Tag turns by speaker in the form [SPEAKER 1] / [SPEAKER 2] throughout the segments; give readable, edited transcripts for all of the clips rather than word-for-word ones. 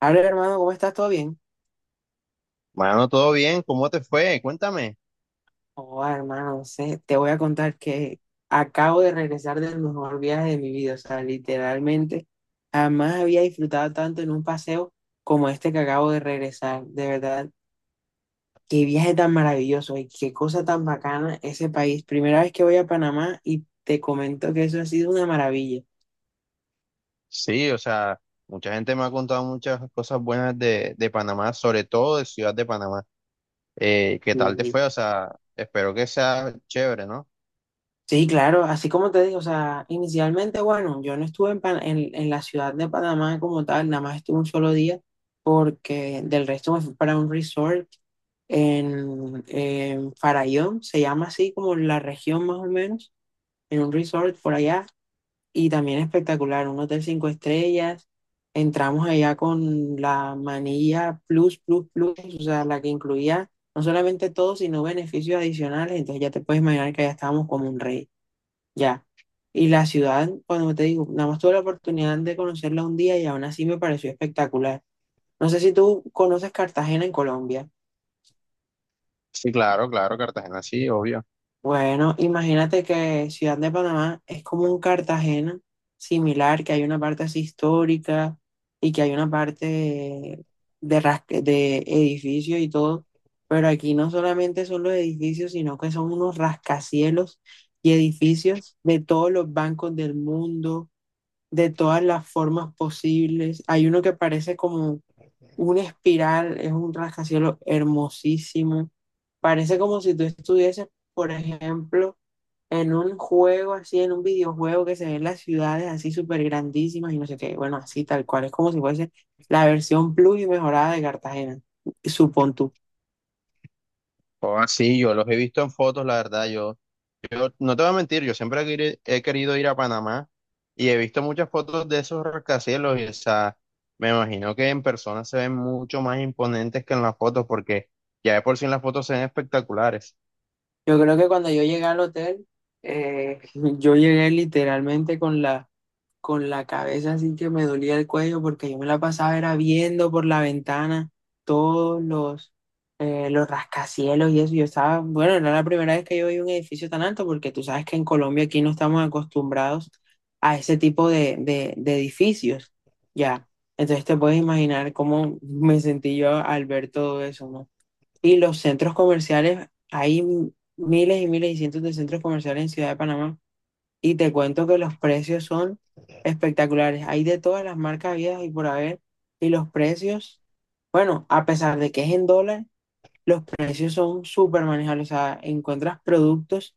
[SPEAKER 1] Hola hermano, ¿cómo estás? ¿Todo bien?
[SPEAKER 2] Mano, todo bien, ¿cómo te fue? Cuéntame.
[SPEAKER 1] Oh, hermano, no sé, te voy a contar que acabo de regresar del mejor viaje de mi vida. O sea, literalmente jamás había disfrutado tanto en un paseo como este que acabo de regresar. De verdad, qué viaje tan maravilloso y qué cosa tan bacana ese país. Primera vez que voy a Panamá y te comento que eso ha sido una maravilla.
[SPEAKER 2] Sí, o sea, mucha gente me ha contado muchas cosas buenas de Panamá, sobre todo de Ciudad de Panamá. ¿Qué tal te
[SPEAKER 1] Sí.
[SPEAKER 2] fue? O sea, espero que sea chévere, ¿no?
[SPEAKER 1] Sí, claro, así como te digo, o sea, inicialmente, bueno, yo no estuve en la ciudad de Panamá como tal, nada más estuve un solo día, porque del resto me fui para un resort en Farallón, se llama así como la región más o menos, en un resort por allá, y también espectacular, un hotel cinco estrellas, entramos allá con la manilla Plus, Plus, Plus, o sea, la que incluía no solamente todo, sino beneficios adicionales, entonces ya te puedes imaginar que allá estábamos como un rey. Ya. Y la ciudad, cuando te digo, nada más tuve la oportunidad de conocerla un día y aún así me pareció espectacular. No sé si tú conoces Cartagena en Colombia.
[SPEAKER 2] Sí, claro, claro, Cartagena, sí, obvio.
[SPEAKER 1] Bueno, imagínate que Ciudad de Panamá es como un Cartagena similar, que hay una parte así histórica y que hay una parte de, rasque- de edificios y todo. Pero aquí no solamente son los edificios, sino que son unos rascacielos y edificios de todos los bancos del mundo de todas las formas posibles. Hay uno que parece como una espiral, es un rascacielos hermosísimo. Parece como si tú estuvieses, por ejemplo, en un juego así, en un videojuego que se ven las ciudades así súper grandísimas y no sé qué. Bueno, así tal cual. Es como si fuese la versión plus y mejorada de Cartagena, supón tú.
[SPEAKER 2] O así, yo los he visto en fotos, la verdad, yo no te voy a mentir, yo siempre he querido ir a Panamá y he visto muchas fotos de esos rascacielos y, o sea, me imagino que en persona se ven mucho más imponentes que en las fotos porque ya de por sí en las fotos se ven espectaculares.
[SPEAKER 1] Yo creo que cuando yo llegué al hotel, eh, yo llegué literalmente con la cabeza así que me dolía el cuello porque yo me la pasaba era viendo por la ventana todos los rascacielos y eso. Yo estaba, bueno, era la primera vez que yo vi un edificio tan alto porque tú sabes que en Colombia aquí no estamos acostumbrados a ese tipo de edificios, ya. Entonces te puedes imaginar cómo me sentí yo al ver todo eso, ¿no? Y los centros comerciales, hay miles y miles y cientos de centros comerciales en Ciudad de Panamá y te cuento que los precios son espectaculares. Hay de todas las marcas habidas y por haber. Y los precios, bueno, a pesar de que es en dólares, los precios son súper manejables. O sea, encuentras productos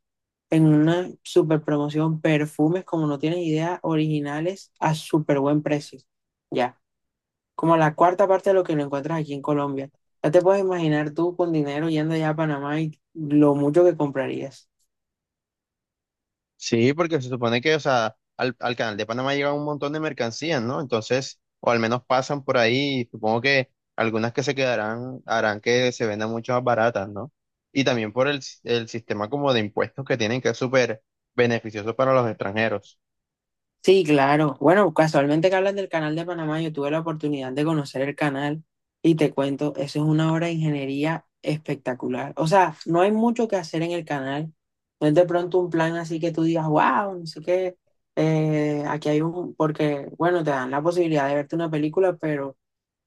[SPEAKER 1] en una súper promoción, perfumes, como no tienes idea, originales a súper buen precio. Ya, como la cuarta parte de lo que lo encuentras aquí en Colombia. Ya te puedes imaginar tú con dinero yendo allá a Panamá y lo mucho que comprarías.
[SPEAKER 2] Sí, porque se supone que, o sea, al canal de Panamá llegan un montón de mercancías, ¿no? Entonces, o al menos pasan por ahí, supongo que algunas que se quedarán harán que se vendan mucho más baratas, ¿no? Y también por el sistema como de impuestos que tienen, que es súper beneficioso para los extranjeros.
[SPEAKER 1] Sí, claro. Bueno, casualmente que hablas del canal de Panamá, yo tuve la oportunidad de conocer el canal y te cuento, eso es una obra de ingeniería espectacular. O sea, no hay mucho que hacer en el canal. No es de pronto un plan así que tú digas, wow, no sé qué, aquí hay porque, bueno, te dan la posibilidad de verte una película, pero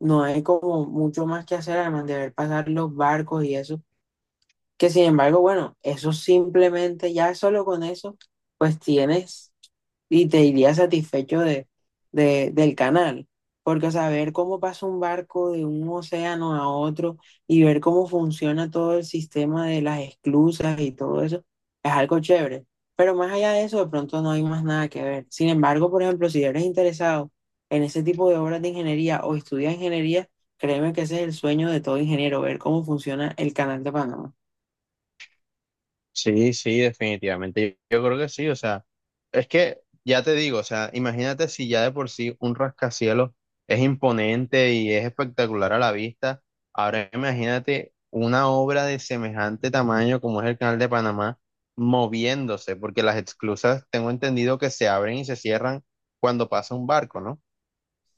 [SPEAKER 1] no hay como mucho más que hacer, además de ver pasar los barcos y eso. Que sin embargo, bueno, eso simplemente, ya solo con eso, pues tienes y te irías satisfecho del canal. Porque, o sea, ver cómo pasa un barco de un océano a otro y ver cómo funciona todo el sistema de las esclusas y todo eso, es algo chévere. Pero más allá de eso, de pronto no hay más nada que ver. Sin embargo, por ejemplo, si eres interesado en ese tipo de obras de ingeniería o estudias ingeniería, créeme que ese es el sueño de todo ingeniero, ver cómo funciona el canal de Panamá.
[SPEAKER 2] Sí, sí, definitivamente. Yo, creo que sí, o sea, es que ya te digo, o sea, imagínate si ya de por sí un rascacielos es imponente y es espectacular a la vista, ahora imagínate una obra de semejante tamaño como es el Canal de Panamá moviéndose, porque las esclusas tengo entendido que se abren y se cierran cuando pasa un barco, ¿no?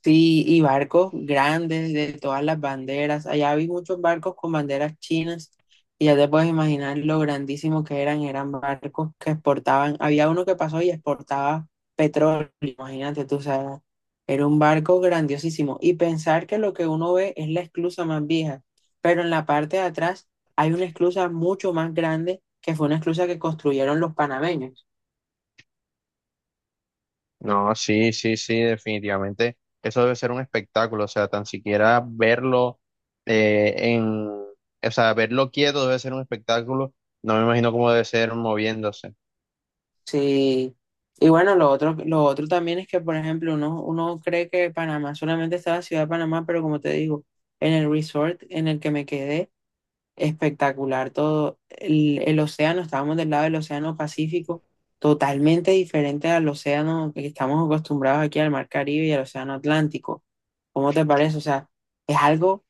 [SPEAKER 1] Sí, y barcos grandes de todas las banderas. Allá vi muchos barcos con banderas chinas y ya te puedes imaginar lo grandísimos que eran. Eran barcos que exportaban. Había uno que pasó y exportaba petróleo. Imagínate tú, o sea, era un barco grandiosísimo. Y pensar que lo que uno ve es la esclusa más vieja, pero en la parte de atrás hay una esclusa mucho más grande que fue una esclusa que construyeron los panameños.
[SPEAKER 2] No, sí, sí, sí, definitivamente. Eso debe ser un espectáculo, o sea, tan siquiera verlo en, o sea, verlo quieto debe ser un espectáculo. No me imagino cómo debe ser moviéndose.
[SPEAKER 1] Sí. Y bueno, lo otro también es que, por ejemplo, uno cree que Panamá solamente está la ciudad de Panamá, pero como te digo, en el resort en el que me quedé, espectacular todo. El océano, estábamos del lado del océano Pacífico, totalmente diferente al océano que estamos acostumbrados aquí al mar Caribe y al océano Atlántico. ¿Cómo te parece? O sea, es algo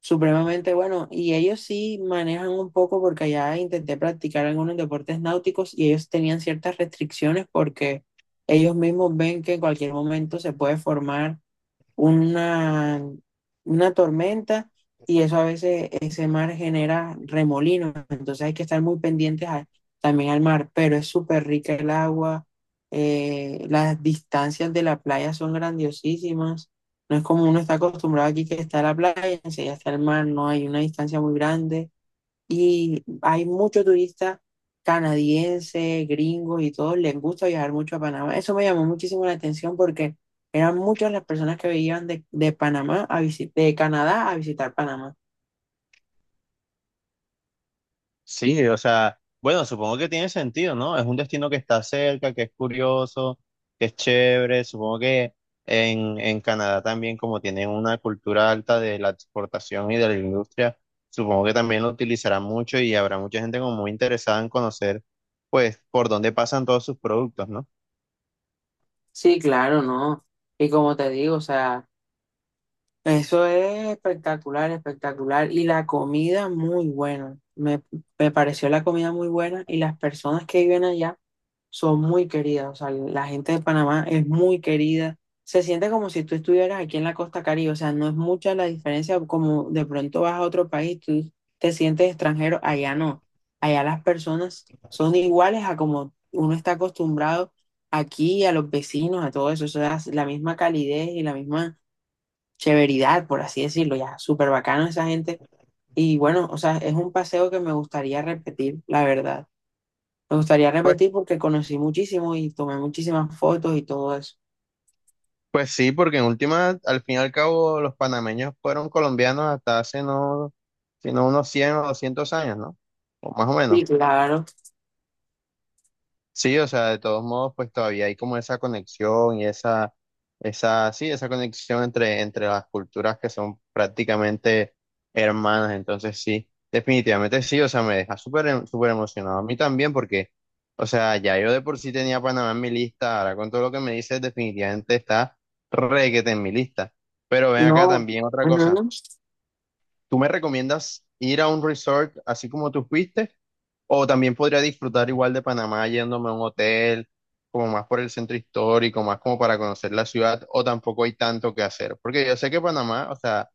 [SPEAKER 1] supremamente bueno. Y ellos sí manejan un poco porque allá intenté practicar algunos deportes náuticos y ellos tenían ciertas restricciones porque ellos mismos ven que en cualquier momento se puede formar una, una, tormenta y eso a veces ese mar genera remolinos, entonces hay que estar muy pendientes también al mar, pero es súper rica el agua, las distancias de la playa son grandiosísimas, no es como uno está acostumbrado aquí que está la playa, enseguida está el mar, no hay una distancia muy grande, y hay muchos turistas canadienses, gringos y todos les gusta viajar mucho a Panamá. Eso me llamó muchísimo la atención porque eran muchas las personas que venían de Canadá a visitar Panamá.
[SPEAKER 2] Sí, o sea, bueno, supongo que tiene sentido, ¿no? Es un destino que está cerca, que es curioso, que es chévere. Supongo que en Canadá también, como tienen una cultura alta de la exportación y de la industria, supongo que también lo utilizarán mucho y habrá mucha gente como muy interesada en conocer, pues, por dónde pasan todos sus productos, ¿no?
[SPEAKER 1] Sí, claro, no. Y como te digo, o sea, eso es espectacular, espectacular. Y la comida muy buena. Me pareció la comida muy buena y las personas que viven allá son muy queridas, o sea, la gente de Panamá es muy querida. Se siente como si tú estuvieras aquí en la costa Caribe, o sea, no es mucha la diferencia como de pronto vas a otro país, tú te sientes extranjero, allá no. Allá las personas son iguales a como uno está acostumbrado aquí, a los vecinos, a todo eso, o sea, es la misma calidez y la misma chéveridad, por así decirlo, ya, súper bacano esa gente. Y bueno, o sea, es un paseo que me gustaría repetir, la verdad. Me gustaría
[SPEAKER 2] Pues,
[SPEAKER 1] repetir porque conocí muchísimo y tomé muchísimas fotos y todo eso.
[SPEAKER 2] pues sí, porque en última, al fin y al cabo, los panameños fueron colombianos hasta hace no, sino unos 100 o 200 años, ¿no? O más o menos.
[SPEAKER 1] Sí, claro.
[SPEAKER 2] Sí, o sea, de todos modos, pues todavía hay como esa conexión y esa, sí, esa conexión entre, entre las culturas que son prácticamente hermanas. Entonces, sí, definitivamente sí, o sea, me deja súper emocionado a mí también porque, o sea, ya yo de por sí tenía Panamá en mi lista, ahora con todo lo que me dices, definitivamente está requete en mi lista. Pero ven acá
[SPEAKER 1] No.
[SPEAKER 2] también otra cosa.
[SPEAKER 1] Ujú.
[SPEAKER 2] ¿Tú me recomiendas ir a un resort así como tú fuiste? ¿O también podría disfrutar igual de Panamá yéndome a un hotel, como más por el centro histórico, más como para conocer la ciudad? ¿O tampoco hay tanto que hacer? Porque yo sé que Panamá, o sea,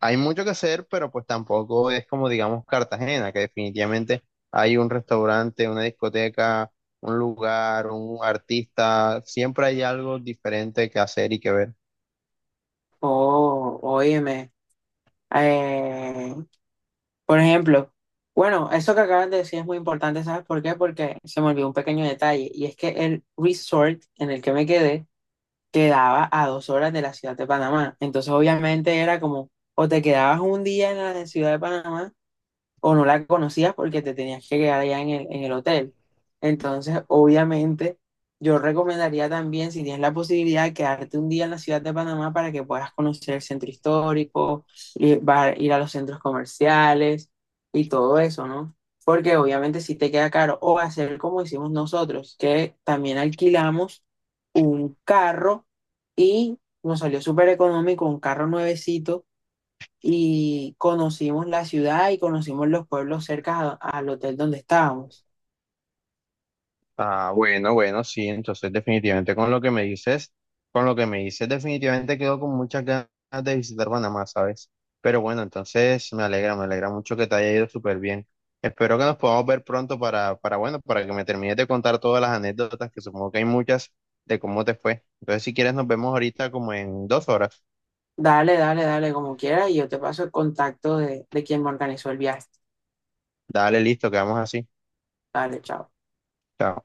[SPEAKER 2] hay mucho que hacer, pero pues tampoco es como, digamos, Cartagena, que definitivamente hay un restaurante, una discoteca, un lugar, un artista, siempre hay algo diferente que hacer y que ver.
[SPEAKER 1] Oh, óyeme. Eh, por ejemplo, bueno, eso que acabas de decir es muy importante, ¿sabes por qué? Porque se me olvidó un pequeño detalle y es que el resort en el que me quedé quedaba a 2 horas de la ciudad de Panamá. Entonces, obviamente era como, o te quedabas un día en la ciudad de Panamá o no la conocías porque te tenías que quedar allá en el hotel. Entonces, obviamente, yo recomendaría también, si tienes la posibilidad, quedarte un día en la ciudad de Panamá para que puedas conocer el centro histórico, ir a los centros comerciales y todo eso, ¿no? Porque obviamente si te queda caro, o hacer como hicimos nosotros, que también alquilamos un carro y nos salió súper económico, un carro nuevecito y conocimos la ciudad y conocimos los pueblos cerca al hotel donde estábamos.
[SPEAKER 2] Ah, bueno, bueno, sí, entonces definitivamente con lo que me dices, con lo que me dices, definitivamente quedo con muchas ganas de visitar Panamá, ¿sabes? Pero bueno, entonces me alegra mucho que te haya ido súper bien. Espero que nos podamos ver pronto para que me termines de contar todas las anécdotas, que supongo que hay muchas de cómo te fue. Entonces, si quieres, nos vemos ahorita como en 2 horas.
[SPEAKER 1] Dale, dale, dale, como quieras, y yo te paso el contacto de quien me organizó el viaje.
[SPEAKER 2] Dale, listo, quedamos así.
[SPEAKER 1] Dale, chao.
[SPEAKER 2] Chao.